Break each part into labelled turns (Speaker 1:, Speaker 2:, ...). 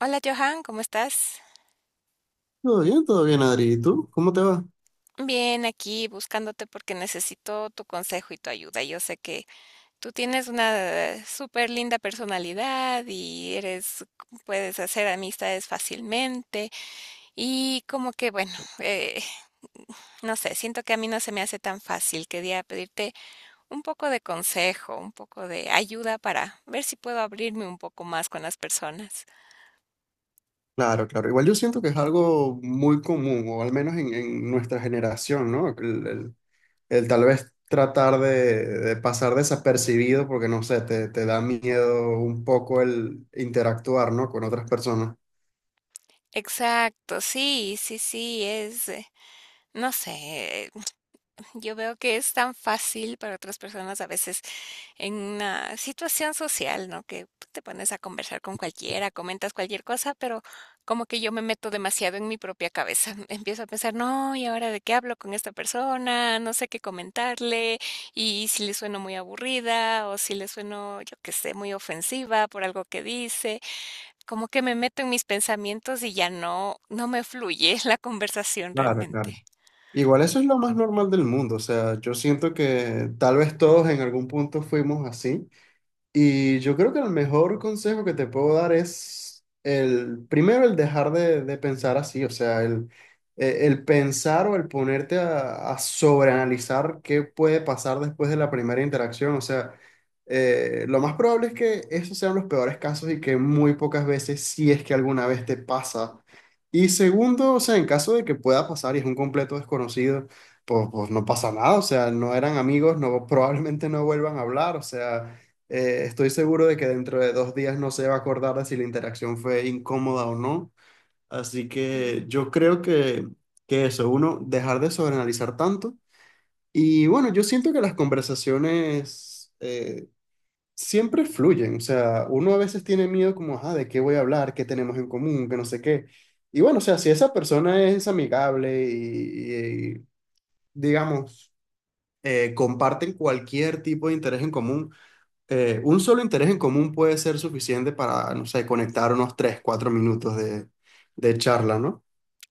Speaker 1: Hola, Johan, ¿cómo estás?
Speaker 2: Todo bien, Adri. ¿Y tú? ¿Cómo te va?
Speaker 1: Bien, aquí buscándote porque necesito tu consejo y tu ayuda. Yo sé que tú tienes una súper linda personalidad y eres, puedes hacer amistades fácilmente y como que bueno, eh, no sé, siento que a mí no se me hace tan fácil. Quería pedirte un poco de consejo, un poco de ayuda para ver si puedo abrirme un poco más con las personas.
Speaker 2: Claro, claro. Igual yo siento que es algo muy común, o al menos en nuestra generación, ¿no? El tal vez tratar de pasar desapercibido porque, no sé, te da miedo un poco el interactuar, ¿no? Con otras personas.
Speaker 1: Exacto, sí, sí, sí, es, no sé. Yo veo que es tan fácil para otras personas a veces en una situación social, ¿no? Que te pones a conversar con cualquiera, comentas cualquier cosa, pero como que yo me meto demasiado en mi propia cabeza. Empiezo a pensar, no, ¿y ahora de qué hablo con esta persona? No sé qué comentarle, y si le sueno muy aburrida o si le sueno, yo qué sé, muy ofensiva por algo que dice. Como que me meto en mis pensamientos y ya no me fluye la conversación
Speaker 2: Claro, claro.
Speaker 1: realmente.
Speaker 2: Igual eso es lo más normal del mundo. O sea, yo siento que tal vez todos en algún punto fuimos así. Y yo creo que el mejor consejo que te puedo dar es el, primero el dejar de pensar así, o sea, el pensar o el ponerte a sobreanalizar qué puede pasar después de la primera interacción, o sea, lo más probable es que esos sean los peores casos y que muy pocas veces, si es que alguna vez te pasa. Y segundo, o sea, en caso de que pueda pasar y es un completo desconocido, pues, pues no pasa nada, o sea, no eran amigos, no, probablemente no vuelvan a hablar, o sea... estoy seguro de que dentro de 2 días no se va a acordar de si la interacción fue incómoda o no. Así que yo creo que eso, uno, dejar de sobreanalizar tanto. Y bueno, yo siento que las conversaciones siempre fluyen. O sea, uno a veces tiene miedo como, ah, ¿de qué voy a hablar? ¿Qué tenemos en común? Que no sé qué. Y bueno, o sea, si esa persona es amigable y, y- y, digamos, comparten cualquier tipo de interés en común, un solo interés en común puede ser suficiente para, no sé, conectar unos 3 4 minutos de charla, ¿no?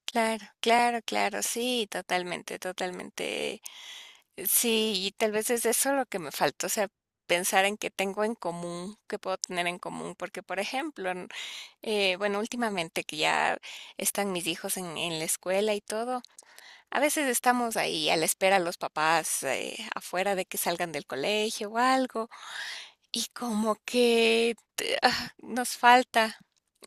Speaker 1: Claro, claro, claro, sí, totalmente, totalmente. Sí, y tal vez es eso lo que me faltó, o sea, pensar en qué tengo en común, qué puedo tener en común, porque por ejemplo, bueno, últimamente que ya están mis hijos en la escuela y todo, a veces estamos ahí a la espera los papás afuera de que salgan del colegio o algo. Y como que ah, nos falta,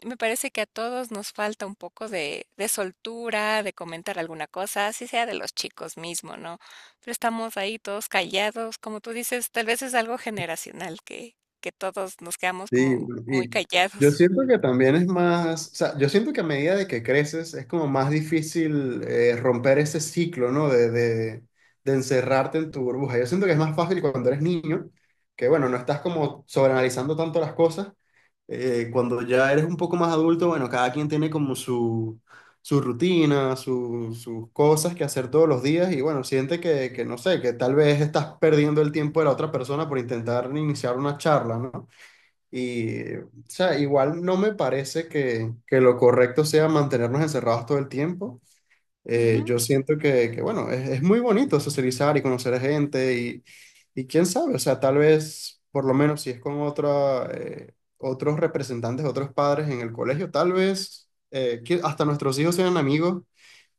Speaker 1: me parece que a todos nos falta un poco de soltura, de comentar alguna cosa, así sea de los chicos mismo, ¿no? Pero estamos ahí todos callados, como tú dices, tal vez es algo generacional que todos nos quedamos
Speaker 2: Sí,
Speaker 1: como
Speaker 2: pues,
Speaker 1: muy
Speaker 2: y yo
Speaker 1: callados.
Speaker 2: siento que también es más, o sea, yo siento que a medida de que creces es como más difícil, romper ese ciclo, ¿no? De encerrarte en tu burbuja. Yo siento que es más fácil cuando eres niño, que bueno, no estás como sobreanalizando tanto las cosas. Cuando ya eres un poco más adulto, bueno, cada quien tiene como su rutina, sus cosas que hacer todos los días y bueno, siente que no sé, que tal vez estás perdiendo el tiempo de la otra persona por intentar iniciar una charla, ¿no? Y, o sea, igual no me parece que lo correcto sea mantenernos encerrados todo el tiempo.
Speaker 1: Ujú.
Speaker 2: Yo siento que, bueno, es muy bonito socializar y conocer a gente y quién sabe, o sea, tal vez, por lo menos si es con otra, otros representantes, otros padres en el colegio, tal vez que hasta nuestros hijos sean amigos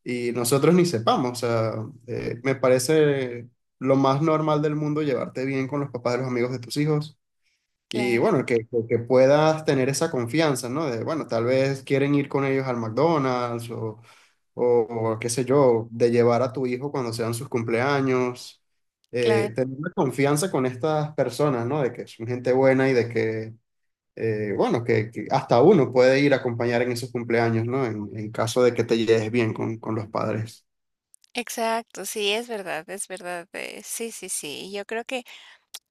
Speaker 2: y nosotros ni sepamos. O sea, me parece lo más normal del mundo llevarte bien con los papás de los amigos de tus hijos y
Speaker 1: Claro,
Speaker 2: bueno, que puedas tener esa confianza, ¿no? De, bueno, tal vez quieren ir con ellos al McDonald's o, o qué sé yo, de llevar a tu hijo cuando sean sus cumpleaños.
Speaker 1: claro.
Speaker 2: Tener la confianza con estas personas, ¿no? De que son gente buena y de que, bueno, que hasta uno puede ir a acompañar en esos cumpleaños, ¿no? En caso de que te lleves bien con los padres.
Speaker 1: Exacto, sí, es verdad, es verdad. Sí, sí, sí. Yo creo que,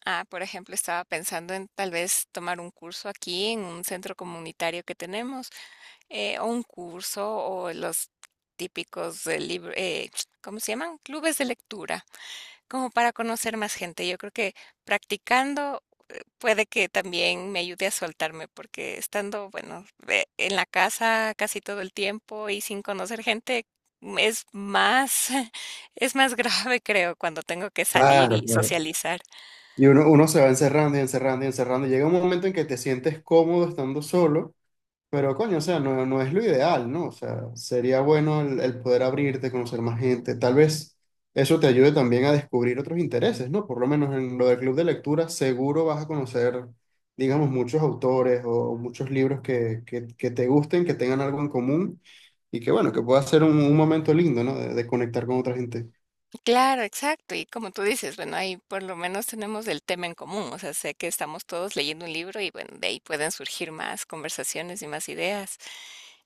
Speaker 1: ah, por ejemplo, estaba pensando en tal vez tomar un curso aquí en un centro comunitario que tenemos o un curso o los típicos de ¿cómo se llaman? Clubes de lectura, como para conocer más gente. Yo creo que practicando puede que también me ayude a soltarme, porque estando, bueno, en la casa casi todo el tiempo y sin conocer gente es más, es más grave, creo, cuando tengo que salir
Speaker 2: Claro,
Speaker 1: y
Speaker 2: claro.
Speaker 1: socializar.
Speaker 2: Y uno se va encerrando y encerrando y encerrando, y llega un momento en que te sientes cómodo estando solo. Pero coño, o sea, no, no es lo ideal, ¿no? O sea, sería bueno el poder abrirte, conocer más gente. Tal vez eso te ayude también a descubrir otros intereses, ¿no? Por lo menos en lo del club de lectura, seguro vas a conocer, digamos, muchos autores o muchos libros que te gusten, que tengan algo en común y que, bueno, que pueda ser un momento lindo, ¿no? De conectar con otra gente.
Speaker 1: Claro, exacto. Y como tú dices, bueno, ahí por lo menos tenemos el tema en común. O sea, sé que estamos todos leyendo un libro y bueno, de ahí pueden surgir más conversaciones y más ideas.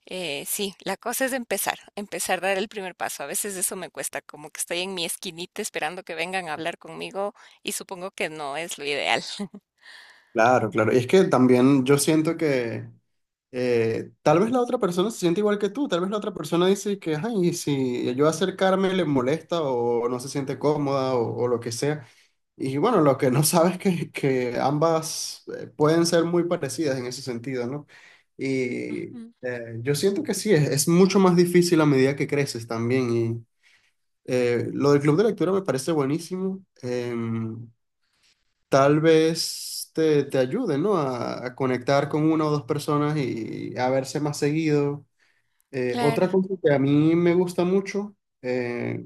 Speaker 1: Sí, la cosa es empezar, empezar a dar el primer paso. A veces eso me cuesta, como que estoy en mi esquinita esperando que vengan a hablar conmigo y supongo que no es lo ideal.
Speaker 2: Claro, claro. Y es que también yo siento que... tal vez la otra persona se siente igual que tú, tal vez la otra persona dice que, ay, y si yo acercarme le molesta o no se siente cómoda o lo que sea. Y bueno, lo que no sabes es que ambas, pueden ser muy parecidas en ese sentido, ¿no? Y
Speaker 1: Ujú.
Speaker 2: yo siento que sí, es mucho más difícil a medida que creces también. Y lo del club de lectura me parece buenísimo. Tal vez te ayude, ¿no? A conectar con una o dos personas y a verse más seguido. Otra
Speaker 1: Claro.
Speaker 2: cosa que a mí me gusta mucho, eh,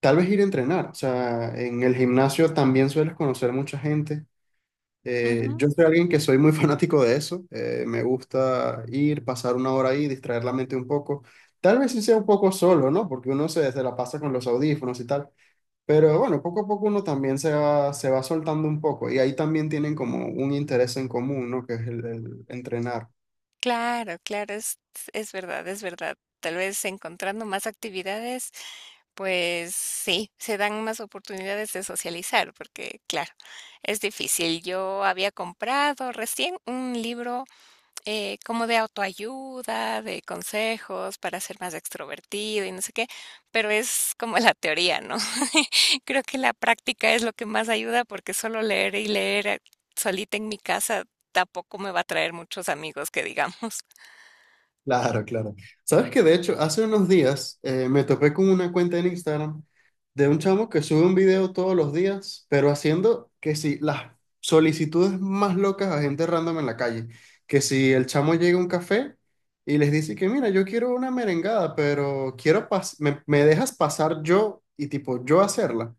Speaker 2: tal vez ir a entrenar. O sea, en el gimnasio también sueles conocer mucha gente.
Speaker 1: Ujú.
Speaker 2: Yo soy alguien que soy muy fanático de eso. Me gusta ir, pasar una hora ahí, distraer la mente un poco. Tal vez sí sea un poco solo, ¿no? Porque uno se la pasa con los audífonos y tal. Pero bueno, poco a poco uno también se va soltando un poco y ahí también tienen como un interés en común, ¿no? Que es el entrenar.
Speaker 1: Claro, claro, es verdad, es verdad. Tal vez encontrando más actividades, pues sí, se dan más oportunidades de socializar, porque claro, es difícil. Yo había comprado recién un libro como de autoayuda, de consejos para ser más extrovertido y no sé qué, pero es como la teoría, ¿no? Creo que la práctica es lo que más ayuda porque solo leer y leer solita en mi casa tampoco me va a traer muchos amigos que digamos.
Speaker 2: Claro, claro. Sabes que de hecho, hace unos días me topé con una cuenta en Instagram de un chamo que sube un video todos los días, pero haciendo que si las solicitudes más locas a gente random en la calle, que si el chamo llega a un café y les dice que mira, yo quiero una merengada, pero me dejas pasar yo y tipo yo hacerla.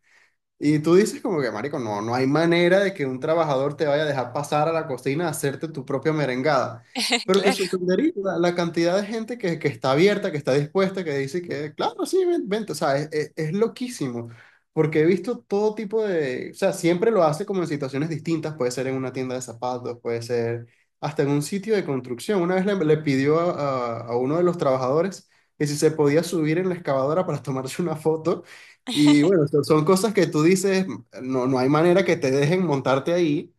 Speaker 2: Y tú dices como que, marico, no, no hay manera de que un trabajador te vaya a dejar pasar a la cocina a hacerte tu propia merengada. Pero te
Speaker 1: Claro,
Speaker 2: sorprendería la cantidad de gente que está abierta, que está dispuesta, que dice que, claro, sí, vente. O sea, es, es loquísimo, porque he visto todo tipo de, o sea, siempre lo hace como en situaciones distintas, puede ser en una tienda de zapatos, puede ser hasta en un sitio de construcción. Una vez le pidió a, a uno de los trabajadores que si se podía subir en la excavadora para tomarse una foto. Y bueno, son, son cosas que tú dices, no, no hay manera que te dejen montarte ahí.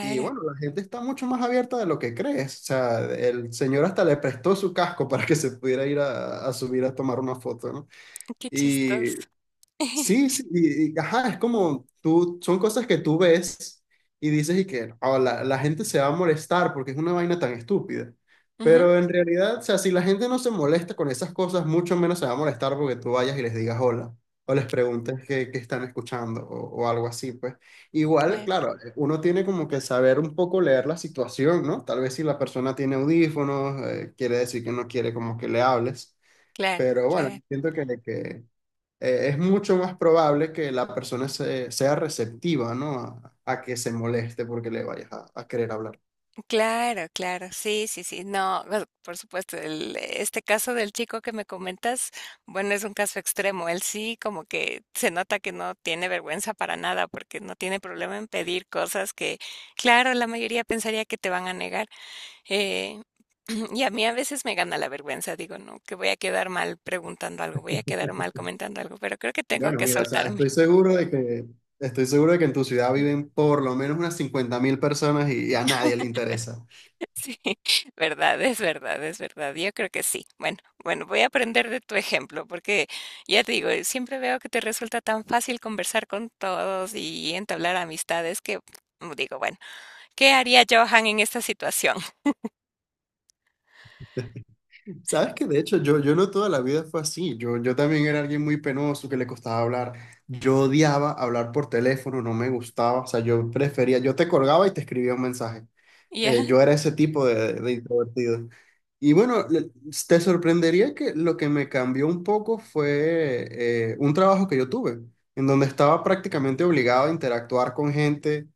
Speaker 2: Y bueno, la gente está mucho más abierta de lo que crees. O sea, el señor hasta le prestó su casco para que se pudiera ir a subir a tomar una foto, ¿no?
Speaker 1: qué
Speaker 2: Y
Speaker 1: chistoso.
Speaker 2: sí, sí, y, ajá, es como tú, son cosas que tú ves y dices y que "Oh, la gente se va a molestar porque es una vaina tan estúpida.
Speaker 1: Ujú.
Speaker 2: Pero en realidad, o sea, si la gente no se molesta con esas cosas, mucho menos se va a molestar porque tú vayas y les digas hola o les preguntes qué, qué están escuchando o algo así, pues. Igual,
Speaker 1: Claro,
Speaker 2: claro, uno tiene como que saber un poco leer la situación, ¿no? Tal vez si la persona tiene audífonos, quiere decir que no quiere como que le hables.
Speaker 1: claro,
Speaker 2: Pero bueno,
Speaker 1: claro.
Speaker 2: siento que es mucho más probable que la persona sea receptiva, ¿no? A que se moleste porque le vayas a querer hablar.
Speaker 1: Claro, claro, sí, sí, sí, no, bueno, por supuesto, el, este caso del chico que me comentas, bueno, es un caso extremo, él sí como que se nota que no tiene vergüenza para nada, porque no tiene problema en pedir cosas que, claro, la mayoría pensaría que te van a negar, eh, y a mí a veces me gana la vergüenza, digo, no, que voy a quedar mal preguntando algo, voy a quedar mal comentando algo, pero creo que tengo
Speaker 2: Bueno,
Speaker 1: que
Speaker 2: mira, o sea,
Speaker 1: soltarme.
Speaker 2: estoy seguro de que, estoy seguro de que en tu ciudad viven por lo menos unas 50.000 personas y, a nadie le interesa.
Speaker 1: Sí, verdad, es verdad, es verdad. Yo creo que sí. Bueno, bueno, voy a aprender de tu ejemplo, porque ya te digo, siempre veo que te resulta tan fácil conversar con todos y entablar amistades que mm, digo, bueno, ¿qué haría Johan en esta situación?
Speaker 2: Sabes que de hecho yo, yo no toda la vida fue así. Yo también era alguien muy penoso que le costaba hablar. Yo odiaba hablar por teléfono, no me gustaba. O sea, yo prefería, yo te colgaba y te escribía un mensaje.
Speaker 1: Ya,
Speaker 2: Yo era ese tipo de introvertido. Y bueno, te sorprendería que lo que me cambió un poco fue un trabajo que yo tuve, en donde estaba prácticamente obligado a interactuar con gente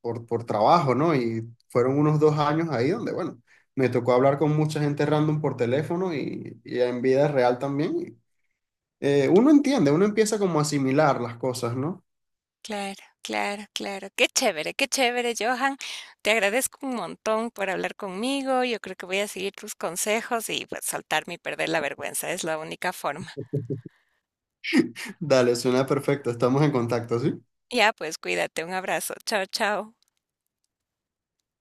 Speaker 2: por trabajo, ¿no? Y fueron unos 2 años ahí donde, bueno, me tocó hablar con mucha gente random por teléfono y en vida real también. Uno entiende, uno empieza como a asimilar las cosas, ¿no?
Speaker 1: claro, claro, claro. Qué chévere, Johan. Te agradezco un montón por hablar conmigo. Yo creo que voy a seguir tus consejos y pues saltarme y perder la vergüenza. Es la única forma.
Speaker 2: Dale, suena perfecto, estamos en contacto, ¿sí?
Speaker 1: Ya, pues cuídate. Un abrazo. Chao, chao.